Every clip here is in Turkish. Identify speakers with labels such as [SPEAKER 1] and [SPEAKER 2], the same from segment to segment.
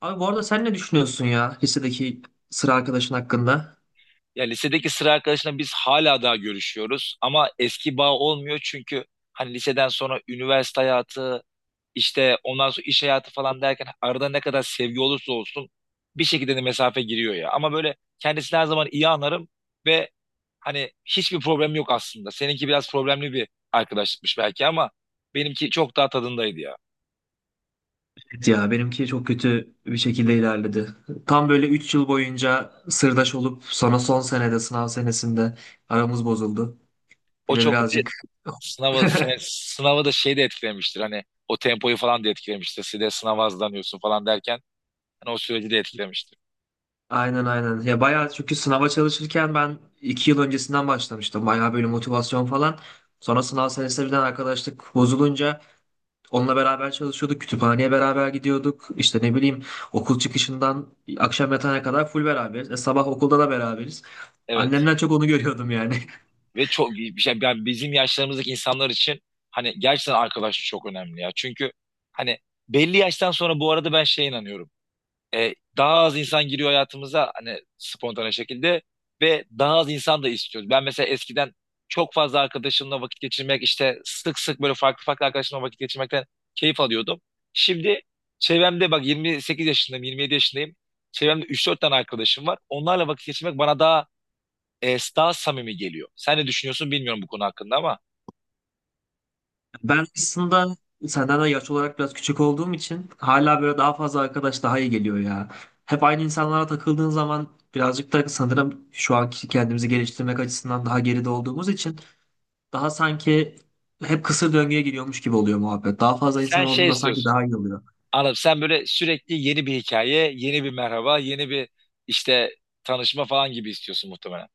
[SPEAKER 1] Abi bu arada sen ne düşünüyorsun ya lisedeki sıra arkadaşın hakkında?
[SPEAKER 2] Ya lisedeki sıra arkadaşla biz hala daha görüşüyoruz ama eski bağ olmuyor çünkü hani liseden sonra üniversite hayatı işte ondan sonra iş hayatı falan derken arada ne kadar sevgi olursa olsun bir şekilde de mesafe giriyor ya. Ama böyle kendisini her zaman iyi anlarım ve hani hiçbir problem yok aslında. Seninki biraz problemli bir arkadaşlıkmış belki ama benimki çok daha tadındaydı ya.
[SPEAKER 1] Evet ya, benimki çok kötü bir şekilde ilerledi. Tam böyle 3 yıl boyunca sırdaş olup sonra son senede, sınav senesinde aramız bozuldu.
[SPEAKER 2] O
[SPEAKER 1] Bir de
[SPEAKER 2] çok bir de
[SPEAKER 1] birazcık
[SPEAKER 2] sınavı da şey de etkilemiştir hani o tempoyu falan da etkilemiştir. Size sınava hazırlanıyorsun falan derken yani o süreci de etkilemiştir.
[SPEAKER 1] aynen, aynen. Ya bayağı, çünkü sınava çalışırken ben 2 yıl öncesinden başlamıştım. Bayağı böyle motivasyon falan. Sonra sınav senesi birden arkadaşlık bozulunca, onunla beraber çalışıyorduk. Kütüphaneye beraber gidiyorduk. İşte ne bileyim, okul çıkışından akşam yatana kadar full beraberiz. Sabah okulda da beraberiz.
[SPEAKER 2] Evet.
[SPEAKER 1] Annemden çok onu görüyordum yani.
[SPEAKER 2] Ve çok bir şey yani bizim yaşlarımızdaki insanlar için hani gerçekten arkadaşlık çok önemli ya. Çünkü hani belli yaştan sonra bu arada ben şeye inanıyorum. Daha az insan giriyor hayatımıza hani spontane şekilde ve daha az insan da istiyoruz. Ben mesela eskiden çok fazla arkadaşımla vakit geçirmek işte sık sık böyle farklı farklı arkadaşımla vakit geçirmekten keyif alıyordum. Şimdi çevremde bak 28 yaşındayım, 27 yaşındayım. Çevremde 3-4 tane arkadaşım var. Onlarla vakit geçirmek bana daha samimi geliyor. Sen ne düşünüyorsun bilmiyorum bu konu hakkında ama
[SPEAKER 1] Ben aslında senden de yaş olarak biraz küçük olduğum için hala böyle daha fazla arkadaş daha iyi geliyor ya. Hep aynı insanlara takıldığın zaman birazcık da sanırım şu anki kendimizi geliştirmek açısından daha geride olduğumuz için daha sanki hep kısır döngüye giriyormuş gibi oluyor muhabbet. Daha fazla
[SPEAKER 2] sen
[SPEAKER 1] insan
[SPEAKER 2] şey
[SPEAKER 1] olduğunda sanki
[SPEAKER 2] istiyorsun.
[SPEAKER 1] daha iyi oluyor.
[SPEAKER 2] Anladım. Sen böyle sürekli yeni bir hikaye, yeni bir merhaba, yeni bir işte tanışma falan gibi istiyorsun muhtemelen.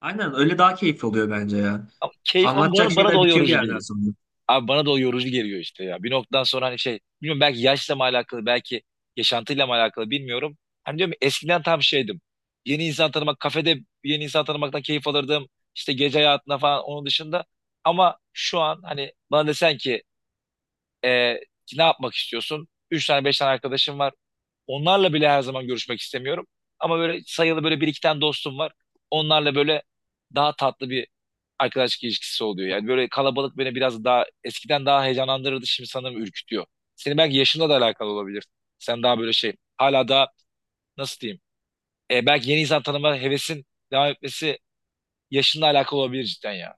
[SPEAKER 1] Aynen öyle, daha keyifli oluyor bence ya.
[SPEAKER 2] Ama keyif ama
[SPEAKER 1] Anlatacak
[SPEAKER 2] bana da
[SPEAKER 1] şeyler
[SPEAKER 2] o
[SPEAKER 1] bitiyor bir
[SPEAKER 2] yorucu
[SPEAKER 1] yerden
[SPEAKER 2] geliyor.
[SPEAKER 1] sonra.
[SPEAKER 2] Abi bana da o yorucu geliyor işte ya. Bir noktadan sonra hani şey, bilmiyorum belki yaşla mı alakalı, belki yaşantıyla mı alakalı bilmiyorum. Hani diyorum ya, eskiden tam şeydim. Yeni insan tanımak, kafede yeni insan tanımaktan keyif alırdım. İşte gece hayatına falan onun dışında. Ama şu an hani bana desen ki Ee, ne yapmak istiyorsun? Üç tane beş tane arkadaşım var. Onlarla bile her zaman görüşmek istemiyorum. Ama böyle sayılı böyle bir iki tane dostum var. Onlarla böyle daha tatlı bir arkadaşlık ilişkisi oluyor. Yani böyle kalabalık beni biraz daha eskiden daha heyecanlandırırdı. Şimdi sanırım ürkütüyor. Senin belki yaşınla da alakalı olabilir. Sen daha böyle şey hala daha nasıl diyeyim? Belki yeni insan tanıma hevesin devam etmesi yaşınla alakalı olabilir cidden ya.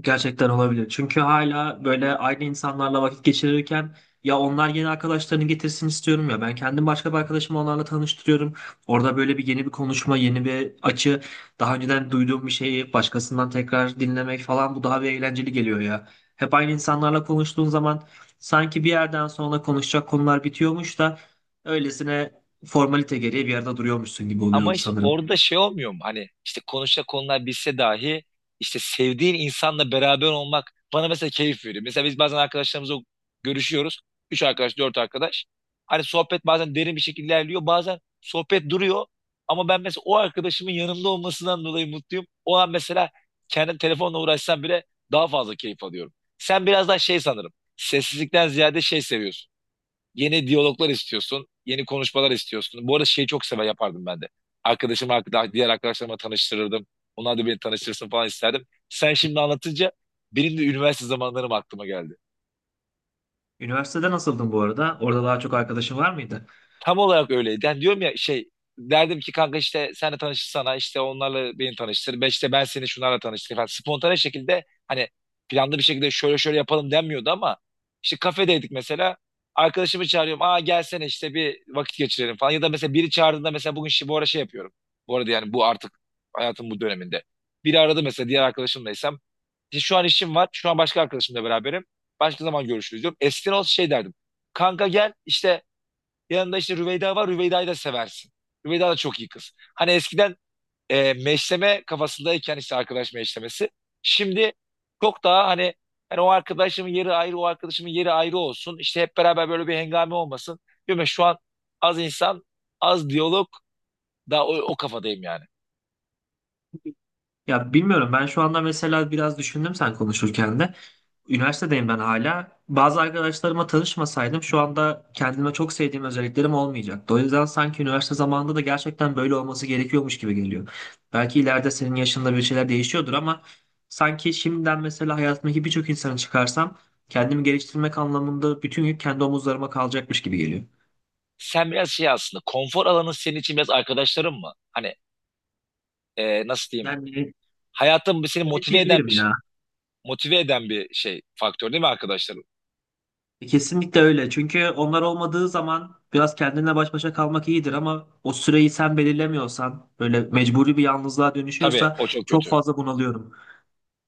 [SPEAKER 1] Gerçekten olabilir. Çünkü hala böyle aynı insanlarla vakit geçirirken ya onlar yeni arkadaşlarını getirsin istiyorum ya ben kendim başka bir arkadaşımı onlarla tanıştırıyorum. Orada böyle bir yeni bir konuşma, yeni bir açı, daha önceden duyduğum bir şeyi başkasından tekrar dinlemek falan, bu daha bir eğlenceli geliyor ya. Hep aynı insanlarla konuştuğun zaman sanki bir yerden sonra konuşacak konular bitiyormuş da öylesine formalite gereği bir yerde duruyormuşsun gibi
[SPEAKER 2] Ama
[SPEAKER 1] oluyor
[SPEAKER 2] işte
[SPEAKER 1] sanırım.
[SPEAKER 2] orada şey olmuyor mu? Hani işte konuşacak konular bilse dahi işte sevdiğin insanla beraber olmak bana mesela keyif veriyor. Mesela biz bazen arkadaşlarımızla görüşüyoruz. Üç arkadaş, dört arkadaş. Hani sohbet bazen derin bir şekilde ilerliyor. Bazen sohbet duruyor. Ama ben mesela o arkadaşımın yanımda olmasından dolayı mutluyum. O an mesela kendim telefonla uğraşsam bile daha fazla keyif alıyorum. Sen biraz daha şey sanırım. Sessizlikten ziyade şey seviyorsun. Yeni diyaloglar istiyorsun. Yeni konuşmalar istiyorsun. Bu arada şeyi çok sever yapardım ben de. Arkadaşım, diğer arkadaşlarıma tanıştırırdım. Onlar da beni tanıştırsın falan isterdim. Sen şimdi anlatınca benim de üniversite zamanlarım aklıma geldi.
[SPEAKER 1] Üniversitede nasıldın bu arada? Orada daha çok arkadaşın var mıydı?
[SPEAKER 2] Tam olarak öyleydi. Yani diyorum ya şey derdim ki kanka işte senle tanışırsana işte onlarla beni tanıştır. Ben işte ben seni şunlarla tanıştır falan. Spontane şekilde hani planlı bir şekilde şöyle şöyle yapalım denmiyordu ama işte kafedeydik mesela. Arkadaşımı çağırıyorum. Aa gelsene işte bir vakit geçirelim falan. Ya da mesela biri çağırdığında mesela bugün şey, bu ara şey yapıyorum. Bu arada yani bu artık hayatım bu döneminde. Biri aradı mesela diğer arkadaşımlaysam. İşte şu an işim var. Şu an başka arkadaşımla beraberim. Başka zaman görüşürüz diyorum. Eskiden olsa şey derdim. Kanka gel işte yanında işte Rüveyda var. Rüveyda'yı da seversin. Rüveyda da çok iyi kız. Hani eskiden meşleme kafasındayken işte arkadaş meşlemesi. Şimdi çok daha hani o arkadaşımın yeri ayrı, o arkadaşımın yeri ayrı olsun. İşte hep beraber böyle bir hengame olmasın. Diyorum ya şu an az insan, az diyalog daha o kafadayım yani.
[SPEAKER 1] Ya bilmiyorum, ben şu anda mesela biraz düşündüm sen konuşurken de. Üniversitedeyim ben hala. Bazı arkadaşlarıma tanışmasaydım şu anda kendime çok sevdiğim özelliklerim olmayacaktı. O yüzden sanki üniversite zamanında da gerçekten böyle olması gerekiyormuş gibi geliyor. Belki ileride senin yaşında bir şeyler değişiyordur ama sanki şimdiden mesela hayatımdaki birçok insanı çıkarsam kendimi geliştirmek anlamında bütün yük kendi omuzlarıma kalacakmış gibi geliyor.
[SPEAKER 2] Sen biraz şey aslında konfor alanın senin için biraz arkadaşların mı? Hani nasıl diyeyim?
[SPEAKER 1] Yani
[SPEAKER 2] Hayatın seni
[SPEAKER 1] evet
[SPEAKER 2] motive eden
[SPEAKER 1] diyebilirim
[SPEAKER 2] bir
[SPEAKER 1] ya.
[SPEAKER 2] şey, motive eden bir şey faktör değil mi arkadaşlarım?
[SPEAKER 1] Kesinlikle öyle. Çünkü onlar olmadığı zaman biraz kendinle baş başa kalmak iyidir ama o süreyi sen belirlemiyorsan, böyle mecburi bir yalnızlığa
[SPEAKER 2] Tabii
[SPEAKER 1] dönüşüyorsa
[SPEAKER 2] o çok
[SPEAKER 1] çok
[SPEAKER 2] kötü.
[SPEAKER 1] fazla bunalıyorum.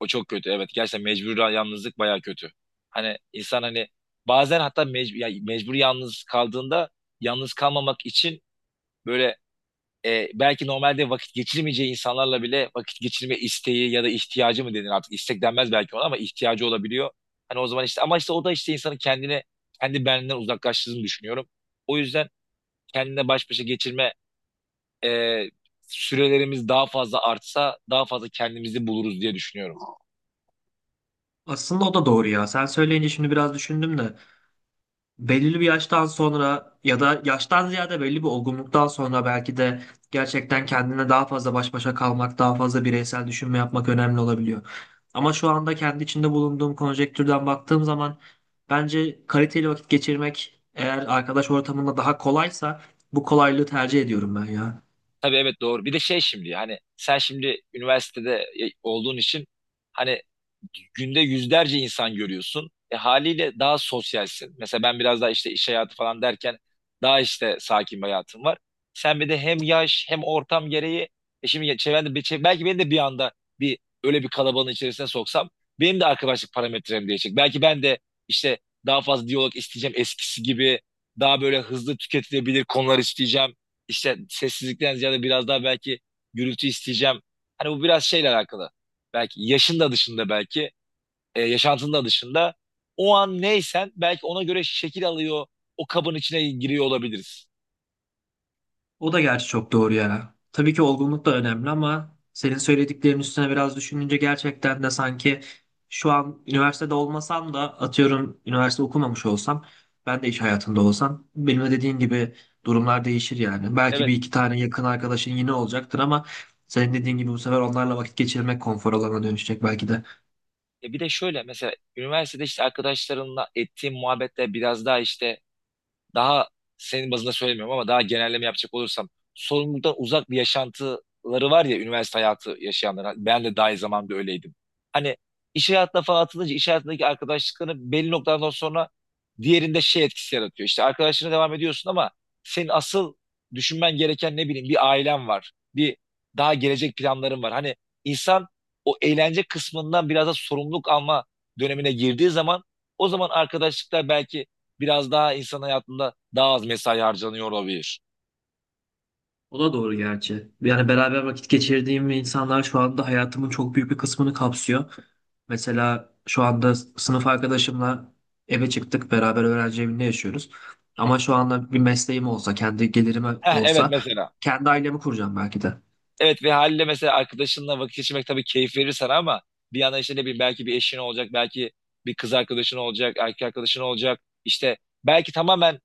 [SPEAKER 2] O çok kötü, evet. Gerçekten mecbur yalnızlık baya kötü. Hani insan hani bazen hatta mecbur, ya mecbur yalnız kaldığında yalnız kalmamak için böyle belki normalde vakit geçirmeyeceği insanlarla bile vakit geçirme isteği ya da ihtiyacı mı denir artık, istek denmez belki ona ama ihtiyacı olabiliyor. Hani o zaman işte ama işte o da işte insanın kendini kendi benliğinden uzaklaştığını düşünüyorum. O yüzden kendine baş başa geçirme e, sürelerimiz daha fazla artsa daha fazla kendimizi buluruz diye düşünüyorum.
[SPEAKER 1] Aslında o da doğru ya. Sen söyleyince şimdi biraz düşündüm de belirli bir yaştan sonra, ya da yaştan ziyade belli bir olgunluktan sonra, belki de gerçekten kendine daha fazla baş başa kalmak, daha fazla bireysel düşünme yapmak önemli olabiliyor. Ama şu anda kendi içinde bulunduğum konjektürden baktığım zaman bence kaliteli vakit geçirmek eğer arkadaş ortamında daha kolaysa bu kolaylığı tercih ediyorum ben ya.
[SPEAKER 2] Tabii evet doğru. Bir de şey şimdi hani sen şimdi üniversitede olduğun için hani günde yüzlerce insan görüyorsun. Haliyle daha sosyalsin. Mesela ben biraz daha işte iş hayatı falan derken daha işte sakin bir hayatım var. Sen bir de hem yaş hem ortam gereği şimdi çevrende belki beni de bir anda bir öyle bir kalabalığın içerisine soksam benim de arkadaşlık parametrem değişecek. Belki ben de işte daha fazla diyalog isteyeceğim, eskisi gibi daha böyle hızlı tüketilebilir konular isteyeceğim, işte sessizlikten ziyade biraz daha belki gürültü isteyeceğim. Hani bu biraz şeyle alakalı. Belki yaşın da dışında, belki, yaşantın da dışında. O an neysen belki ona göre şekil alıyor, o kabın içine giriyor olabiliriz.
[SPEAKER 1] O da gerçi çok doğru ya. Tabii ki olgunluk da önemli ama senin söylediklerin üstüne biraz düşününce gerçekten de sanki şu an üniversitede olmasam da, atıyorum üniversite okumamış olsam, ben de iş hayatında olsam benim de dediğin gibi durumlar değişir yani. Belki
[SPEAKER 2] Evet.
[SPEAKER 1] bir iki tane yakın arkadaşın yine olacaktır ama senin dediğin gibi bu sefer onlarla vakit geçirmek konfor alanına dönüşecek belki de.
[SPEAKER 2] Bir de şöyle mesela üniversitede işte arkadaşlarımla ettiğim muhabbetler biraz daha işte daha, senin bazında söylemiyorum ama daha genelleme yapacak olursam sorumluluktan uzak bir yaşantıları var ya üniversite hayatı yaşayanlar. Ben de dahil zamanında öyleydim. Hani iş hayatına falan atılınca iş hayatındaki arkadaşlıkların belli noktadan sonra diğerinde şey etkisi yaratıyor. İşte arkadaşına devam ediyorsun ama senin asıl düşünmen gereken ne bileyim bir ailen var. Bir daha gelecek planların var. Hani insan o eğlence kısmından biraz da sorumluluk alma dönemine girdiği zaman o zaman arkadaşlıklar belki biraz daha insan hayatında daha az mesai harcanıyor olabilir.
[SPEAKER 1] O da doğru gerçi. Yani beraber vakit geçirdiğim insanlar şu anda hayatımın çok büyük bir kısmını kapsıyor. Mesela şu anda sınıf arkadaşımla eve çıktık, beraber öğrenci evinde yaşıyoruz.
[SPEAKER 2] Hı hı.
[SPEAKER 1] Ama şu anda bir mesleğim olsa, kendi gelirime
[SPEAKER 2] Heh, evet
[SPEAKER 1] olsa,
[SPEAKER 2] mesela.
[SPEAKER 1] kendi ailemi kuracağım belki de.
[SPEAKER 2] Evet ve haliyle mesela arkadaşınla vakit geçirmek tabii keyif verir sana ama bir yandan işte ne bileyim belki bir eşin olacak, belki bir kız arkadaşın olacak, erkek arkadaşın olacak. İşte belki tamamen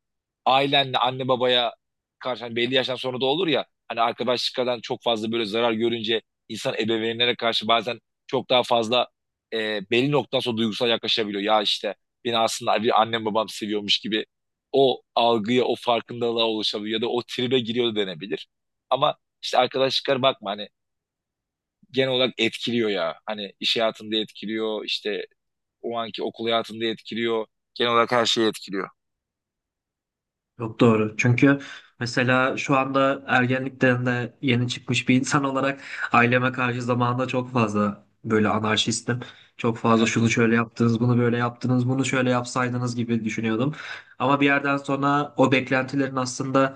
[SPEAKER 2] ailenle, anne babaya karşı hani belli yaştan sonra da olur ya hani arkadaşlıklardan çok fazla böyle zarar görünce insan ebeveynlere karşı bazen çok daha fazla belli noktadan sonra duygusal yaklaşabiliyor. Ya işte beni aslında bir annem babam seviyormuş gibi o algıya, o farkındalığa ulaşabiliyor ya da o tribe giriyor da denebilir. Ama işte arkadaşlıklar bakma hani genel olarak etkiliyor ya. Hani iş hayatında etkiliyor, işte o anki okul hayatında etkiliyor. Genel olarak her şeyi etkiliyor.
[SPEAKER 1] Yok, doğru. Çünkü mesela şu anda ergenlikten de yeni çıkmış bir insan olarak aileme karşı zamanında çok fazla böyle anarşistim. Çok fazla şunu şöyle yaptınız, bunu böyle yaptınız, bunu şöyle yapsaydınız gibi düşünüyordum. Ama bir yerden sonra o beklentilerin aslında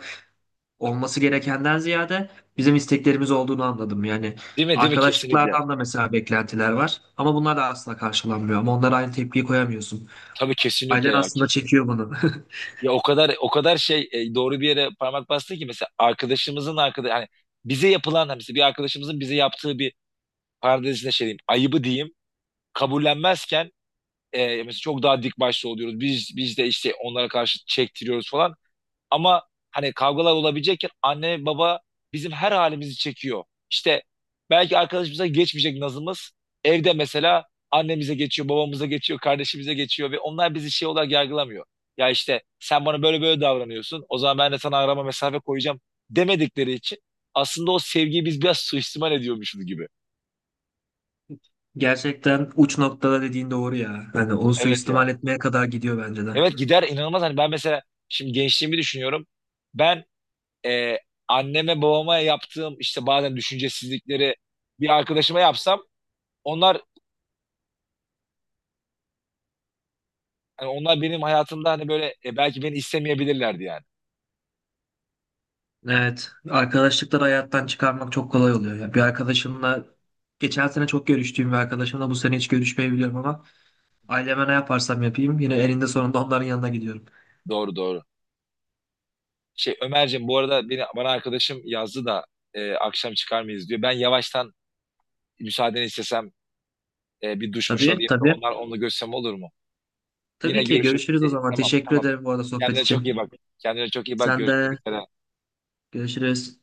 [SPEAKER 1] olması gerekenden ziyade bizim isteklerimiz olduğunu anladım. Yani
[SPEAKER 2] Değil mi? Değil mi? Kesinlikle.
[SPEAKER 1] arkadaşlıklardan da mesela beklentiler var ama bunlar da asla karşılanmıyor. Ama onlara aynı tepkiyi koyamıyorsun.
[SPEAKER 2] Tabii kesinlikle
[SPEAKER 1] Ailen
[SPEAKER 2] ya,
[SPEAKER 1] aslında
[SPEAKER 2] kesin.
[SPEAKER 1] çekiyor bunu.
[SPEAKER 2] Ya o kadar o kadar şey, doğru bir yere parmak bastı ki, mesela arkadaşımızın arkadaş hani bize yapılan hani mesela bir arkadaşımızın bize yaptığı bir parantez içinde şey diyeyim, ayıbı diyeyim kabullenmezken, mesela çok daha dik başlı oluyoruz. Biz de işte onlara karşı çektiriyoruz falan. Ama hani kavgalar olabilecekken anne baba bizim her halimizi çekiyor. İşte belki arkadaşımıza geçmeyecek nazımız evde mesela annemize geçiyor, babamıza geçiyor, kardeşimize geçiyor ve onlar bizi şey olarak yargılamıyor. Ya işte sen bana böyle böyle davranıyorsun, o zaman ben de sana arama mesafe koyacağım demedikleri için aslında o sevgiyi biz biraz suistimal ediyormuşuz gibi.
[SPEAKER 1] Gerçekten uç noktada dediğin doğru ya. Hani onu
[SPEAKER 2] Evet ya.
[SPEAKER 1] suistimal etmeye kadar gidiyor bence de.
[SPEAKER 2] Evet gider inanılmaz. Hani ben mesela şimdi gençliğimi düşünüyorum. Ben e, anneme babama yaptığım işte bazen düşüncesizlikleri bir arkadaşıma yapsam onlar hani onlar benim hayatımda hani böyle belki beni istemeyebilirlerdi yani.
[SPEAKER 1] Evet, arkadaşlıkları hayattan çıkarmak çok kolay oluyor ya. Bir arkadaşımla, geçen sene çok görüştüğüm bir arkadaşımla bu sene hiç görüşmeyebiliyorum ama aileme ne yaparsam yapayım yine elinde sonunda onların yanına gidiyorum.
[SPEAKER 2] Doğru doğru. Şey Ömerciğim, bu arada bana arkadaşım yazdı da akşam çıkar mıyız diyor. Ben yavaştan müsaadeni istesem bir duşmuş
[SPEAKER 1] Tabii,
[SPEAKER 2] alayım da
[SPEAKER 1] tabii.
[SPEAKER 2] onlar onunla görüşsem olur mu? Yine
[SPEAKER 1] Tabii ki
[SPEAKER 2] görüşürüz.
[SPEAKER 1] görüşürüz o zaman.
[SPEAKER 2] Tamam
[SPEAKER 1] Teşekkür
[SPEAKER 2] tamam.
[SPEAKER 1] ederim bu arada sohbet
[SPEAKER 2] Kendine çok iyi
[SPEAKER 1] için.
[SPEAKER 2] bak. Kendine çok iyi bak.
[SPEAKER 1] Sen
[SPEAKER 2] Görüşmek
[SPEAKER 1] de,
[SPEAKER 2] üzere.
[SPEAKER 1] görüşürüz.